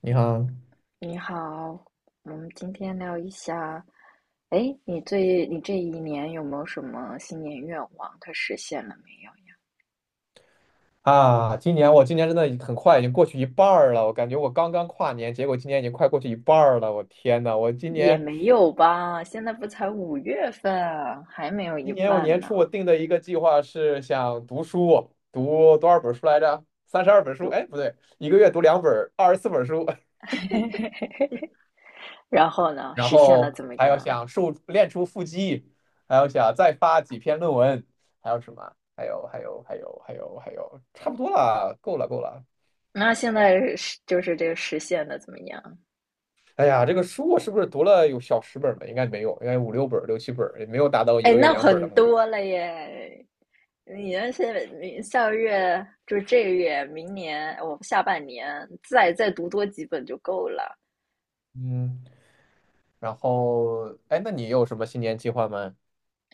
你好你好，我们今天聊一下，哎，你这一年有没有什么新年愿望？它实现了没啊！今年真的很快，已经过去一半儿了。我感觉我刚刚跨年，结果今年已经快过去一半儿了。我天呐，我今有？也年没有吧，现在不才5月份，还没有一今年我半年呢。初我定的一个计划是想读书，读多少本书来着？32本书，对，哎，不对，一个月读两本，24本书。然后呢，然实现了后怎么还要样？想瘦练出腹肌，还要想再发几篇论文，还有什么？还有，差不多了，够了够了。那现在是就是这个实现的怎么样？哎呀，这个书我是不是读了有小十本儿吧？应该没有，应该五六本儿、六七本儿，也没有达到一哎，个月那2本儿很的目标。多了耶！你那些你下个月就这个月，明年我下半年再读多几本就够了。嗯，然后，哎，那你有什么新年计划吗？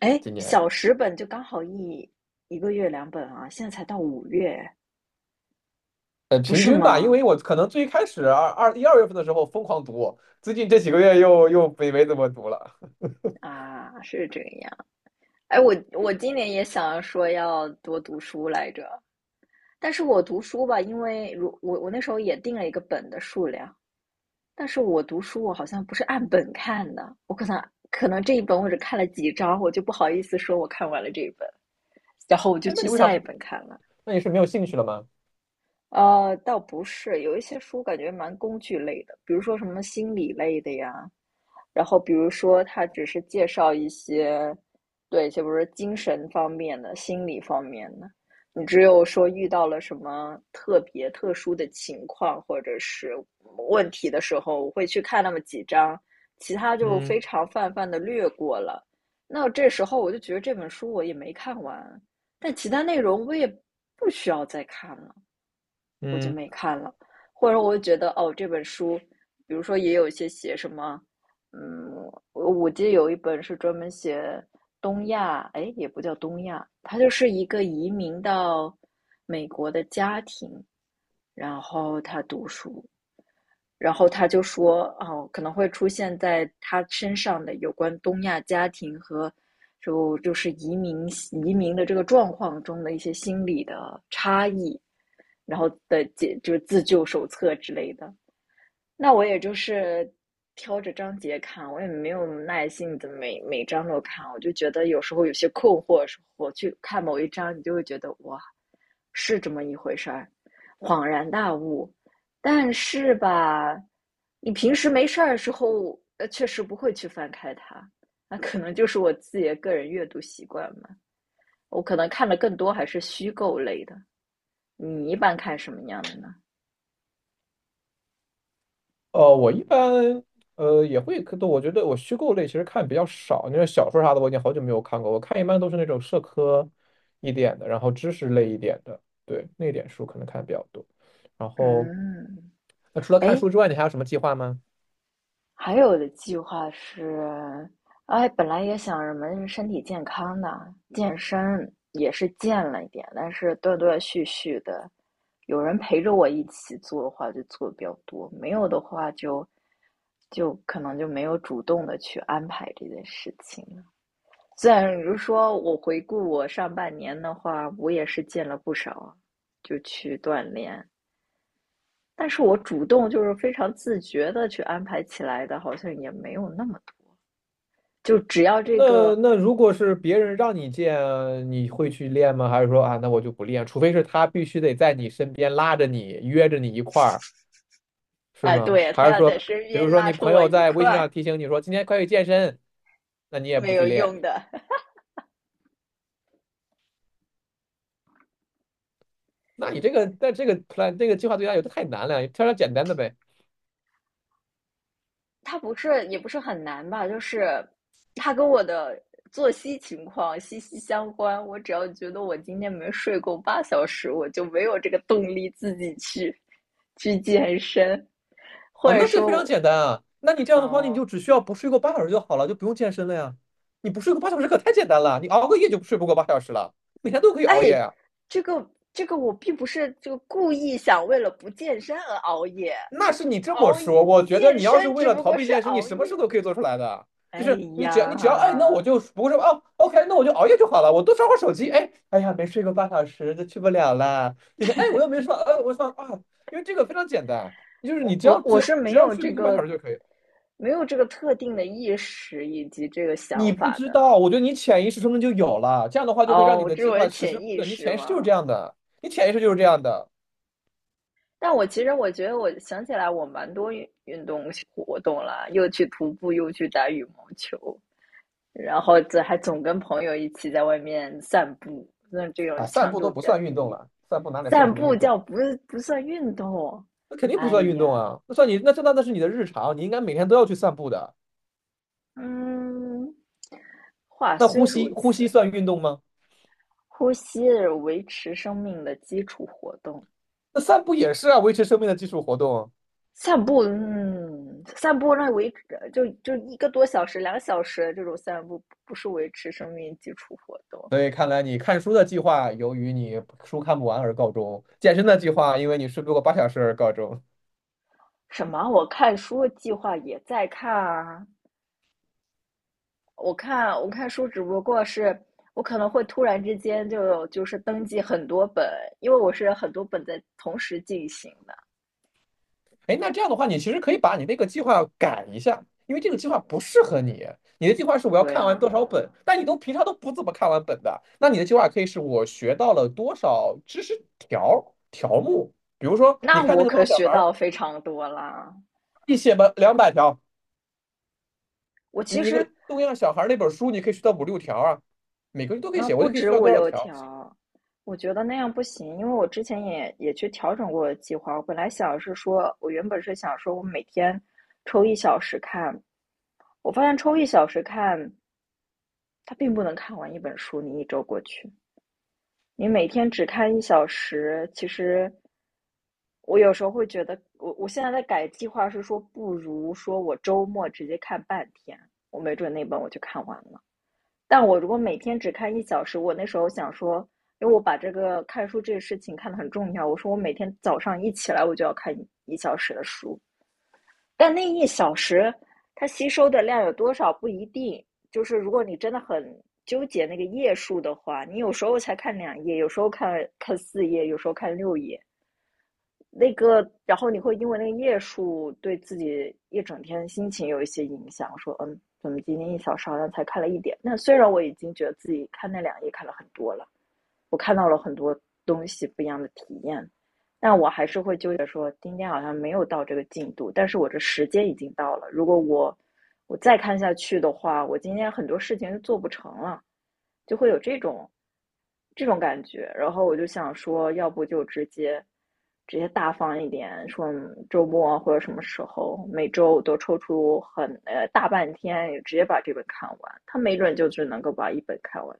哎，今年，小十本就刚好一个月2本啊，现在才到五月，不平是均吧，因吗？为我可能最开始1、2月份的时候疯狂读，最近这几个月又没怎么读了。啊，是这样。哎，我今年也想说要多读书来着，但是我读书吧，因为我那时候也定了一个本的数量，但是我读书我好像不是按本看的，我可能这一本我只看了几章，我就不好意思说我看完了这一本，然后我就哎，那去你为下啥？一本看了。那你是没有兴趣了吗？倒不是，有一些书感觉蛮工具类的，比如说什么心理类的呀，然后比如说他只是介绍一些，对，就比如说精神方面的、心理方面的。你只有说遇到了什么特别特殊的情况或者是问题的时候，我会去看那么几章，其他就非嗯常泛泛的略过了。那这时候我就觉得这本书我也没看完，但其他内容我也不需要再看了。我就嗯。没看了，或者我觉得哦，这本书，比如说也有一些写什么，嗯，我记得有一本是专门写东亚，哎，也不叫东亚，它就是一个移民到美国的家庭，然后他读书，然后他就说，哦，可能会出现在他身上的有关东亚家庭和就是移民的这个状况中的一些心理的差异，然后的解就是自救手册之类的。那我也就是挑着章节看，我也没有耐心的每章都看，我就觉得有时候有些困惑的时候，我去看某一章，你就会觉得哇，是这么一回事儿，恍然大悟。但是吧，你平时没事儿的时候，确实不会去翻开它，那可能就是我自己的个人阅读习惯嘛。我可能看的更多还是虚构类的。你一般看什么样的呢？呃，我一般也会，可我觉得我虚构类其实看比较少，那种小说啥的我已经好久没有看过，我看一般都是那种社科一点的，然后知识类一点的，对，那点书可能看得比较多。然后，嗯，那除了看哎，书之外，你还有什么计划吗？还有的计划是，哎，本来也想什么身体健康的，健身也是健了一点，但是断断续续的，有人陪着我一起做的话，就做的比较多；没有的话就，就可能就没有主动的去安排这件事情了。虽然你就说我回顾我上半年的话，我也是健了不少，就去锻炼，但是我主动就是非常自觉的去安排起来的，好像也没有那么多。就只要这个，那如果是别人让你见，你会去练吗？还是说啊，那我就不练，除非是他必须得在你身边拉着你，约着你一块儿，是哎，吗？对，他还是要说，在身比如边说拉你着朋我友一在微信上块，提醒你说今天快去健身，那你也没不去有练？用的。那你这个在这个 plan 这个计划对他有的太难了，挑点简单的呗。他不是也不是很难吧？就是他跟我的作息情况息息相关。我只要觉得我今天没睡够8小时，我就没有这个动力自己去去健身，或哦，者那这说非常我，简单啊。那你这样的话，你嗯，就只需要不睡够八小时就好了，就不用健身了呀。你不睡够八小时可太简单了，你熬个夜就睡不过八小时了，每天都可以熬夜哎，啊。这个这个我并不是就故意想为了不健身而熬夜，那是你这么熬说，夜我觉得健你要是身为只了不逃过避这是件事，你熬什么夜。事都可以做出来的。就哎是你只要哎，那我呀，就不会说哦，OK，那我就熬夜就好了，我多刷会手机。哎，哎呀，没睡个半小时就去不了了。这些哎，我又没说我说啊，因为这个非常简单，就是我你只我要我是没有睡这不够八小个时就可以。没有这个特定的意识以及这个你想不法知的。道，我觉得你潜意识中就有了，这样的话就会让你哦，的这是计我的划实施潜意不了。你识潜意识就是吗？这样的，你潜意识就是这样的但我其实我觉得，我想起来我蛮多运动活动啦，又去徒步，又去打羽毛球，然后这还总跟朋友一起在外面散步，那这种啊。散强步都度不比较算运动低。了，散步哪里算散什么步运叫动？不算运动。那肯定不哎算运动呀，啊，那算你那这那那是你的日常，你应该每天都要去散步的。嗯，话那虽如呼此，吸算运动吗？呼吸是维持生命的基础活动。那散步也是啊，维持生命的基础活动。散步那维持就1个多小时、2个小时这种散步，不是维持生命基础活动。所以看来你看书的计划由于你书看不完而告终，健身的计划因为你睡不够八小时而告终。什么？我看书计划也在看啊，我看书只不过是我可能会突然之间就有就是登记很多本，因为我是很多本在同时进行的。哎，那这样的话，你其实可以把你那个计划改一下，因为这个计划不适合你。你的计划是我要对看完啊，多少本，但你都平常都不怎么看完本的，那你的计划可以是我学到了多少知识条目。比如说，你那看我那个可《拉小学孩》，到非常多啦。你写吧，200条。我其你一实个东亚小孩那本书，你可以学到五六条啊，每个人都可以那写，我不就可以止学到五多少六条条，我觉得那样不行，因为我之前也去调整过计划。我本来想是说，我原本是想说我每天抽一小时看，我发现抽一小时看，它并不能看完一本书，你一周过去。你每天只看一小时，其实我有时候会觉得，我现在在改计划是说，不如说我周末直接看半天，我没准那本我就看完了。但我如果每天只看一小时，我那时候想说，因为我把这个看书这个事情看得很重要，我说我每天早上一起来我就要看一小时的书，但那一小时，它吸收的量有多少不一定。就是如果你真的很纠结那个页数的话，你有时候才看两页，有时候看4页，有时候看6页。那个，然后你会因为那个页数对自己一整天心情有一些影响。说，嗯，怎么今天一小时好像才看了一点？那虽然我已经觉得自己看那两页看了很多了，我看到了很多东西不一样的体验，但我还是会纠结说，今天好像没有到这个进度，但是我这时间已经到了。如果我再看下去的话，我今天很多事情就做不成了，就会有这种感觉。然后我就想说，要不就直接大方一点，说嗯周末或者什么时候，每周都抽出很大半天，直接把这本看完。他没准就只能够把一本看完。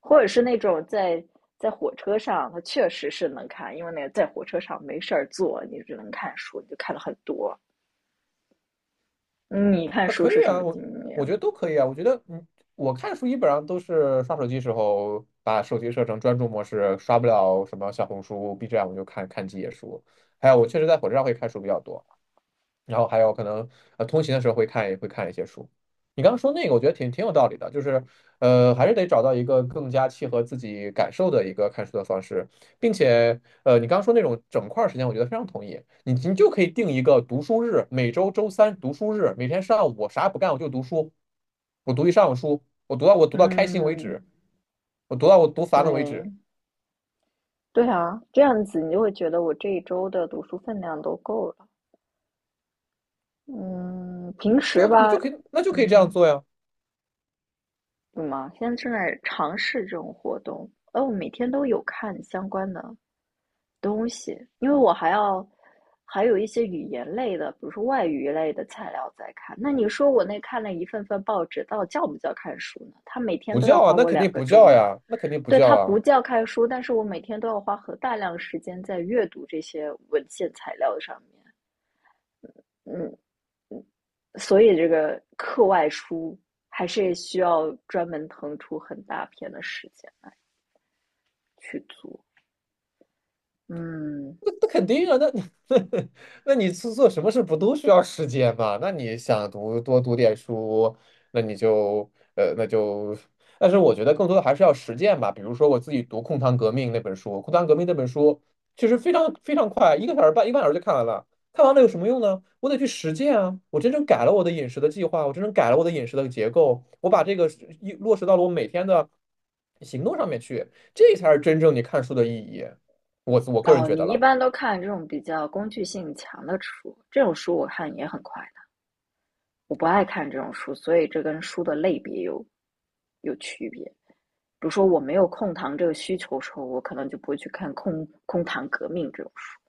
或者是那种在火车上，它确实是能看，因为那个在火车上没事儿做，你只能看书，你就看了很多。嗯你看啊？书可是以什啊，么经我觉验？得都可以啊，我觉得嗯，我看书基本上都是刷手机时候把手机设成专注模式，刷不了什么小红书、B 站，我就看看几页书，还有我确实在火车上会看书比较多，然后还有可能通勤的时候会看一些书。你刚刚说那个，我觉得挺有道理的，就是还是得找到一个更加契合自己感受的一个看书的方式，并且你刚刚说那种整块儿时间，我觉得非常同意。你就可以定一个读书日，每周周三读书日，每天上午我啥也不干，我就读书，我读一上午书，我读到开心为嗯，止，我读烦了为对，止。对啊，这样子你就会觉得我这一周的读书分量都够了。嗯，平对时啊，吧，那就可以这样嗯，做呀。怎么？现在正在尝试这种活动，哦，我每天都有看相关的东西，因为我还要还有一些语言类的，比如说外语类的材料在看。那你说我那看了一份份报纸，到底叫不叫看书呢？他每天不都要叫花啊，那我肯两定个不钟叫啊。呀，那肯定不对，叫他啊。不叫看书，但是我每天都要花很大量时间在阅读这些文献材料上面。嗯，所以这个课外书还是需要专门腾出很大片的时间去做。嗯，那那肯定啊，那 那你是做什么事不都需要时间嘛？那你想读多读点书，那你就那就，但是我觉得更多的还是要实践吧。比如说我自己读《控糖革命》那本书，《控糖革命》那本书其实非常快，1个半小时就看完了。看完了有什么用呢？我得去实践啊！我真正改了我的饮食的计划，我真正改了我的饮食的结构，我把这个是一落实到了我每天的行动上面去，这才是真正你看书的意义。我个人哦，觉得你一了。般都看这种比较工具性强的书，这种书我看也很快的。我不爱看这种书，所以这跟书的类别有区别。比如说我没有控糖这个需求的时候，我可能就不会去看空空谈革命这种书，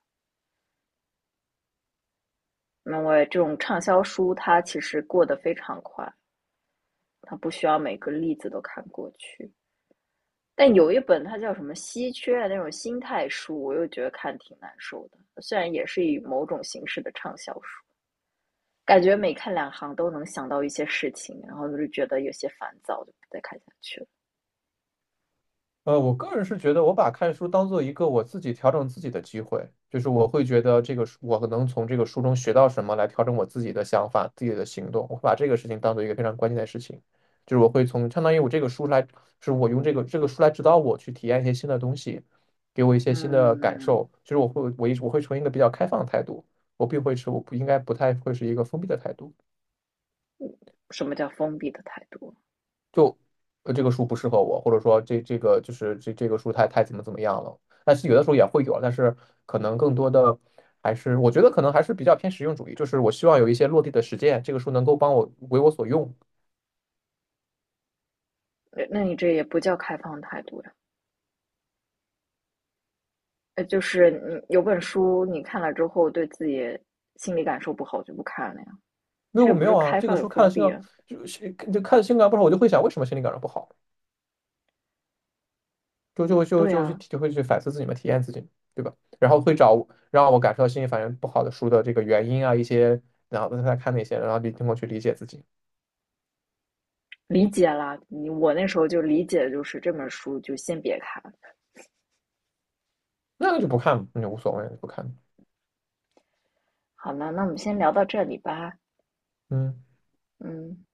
因为这种畅销书它其实过得非常快，它不需要每个例子都看过去。但有一本它叫什么稀缺的那种心态书，我又觉得看挺难受的，虽然也是以某种形式的畅销书。感觉每看两行都能想到一些事情，然后就觉得有些烦躁，就不再看下去了。呃，我个人是觉得，我把看书当做一个我自己调整自己的机会，就是我会觉得这个书，我能从这个书中学到什么，来调整我自己的想法、自己的行动。我会把这个事情当做一个非常关键的事情，就是我会从相当于我这个书来，就是我用这个书来指导我去体验一些新的东西，给我一些新的感嗯，受。就是我会从一个比较开放的态度，我并会是我不应该不太会是一个封闭的态度。什么叫封闭的态度？就呃，这个书不适合我，或者说这个就是这个书太怎么样了。但是有的时候也会有，但是可能更多的还是我觉得可能还是比较偏实用主义，就是我希望有一些落地的实践，这个书能够帮我为我所用。呃那你这也不叫开放态度呀。就是你有本书你看了之后对自己心理感受不好就不看了呀，没这有也不没是有啊，开这个放与书看了封心闭脏啊。就是就看了心感不好，我就会想为什么心理感受不好，对啊，就会去反思自己嘛，体验自己，对吧？然后会找让我感受到心理反应不好的书的这个原因啊，一些然后再看那些，然后通过去理解自己，理解啦。你我那时候就理解，就是这本书就先别看。那就不看也无所谓，就不看。好了，那我们先聊到这里吧。嗯。嗯。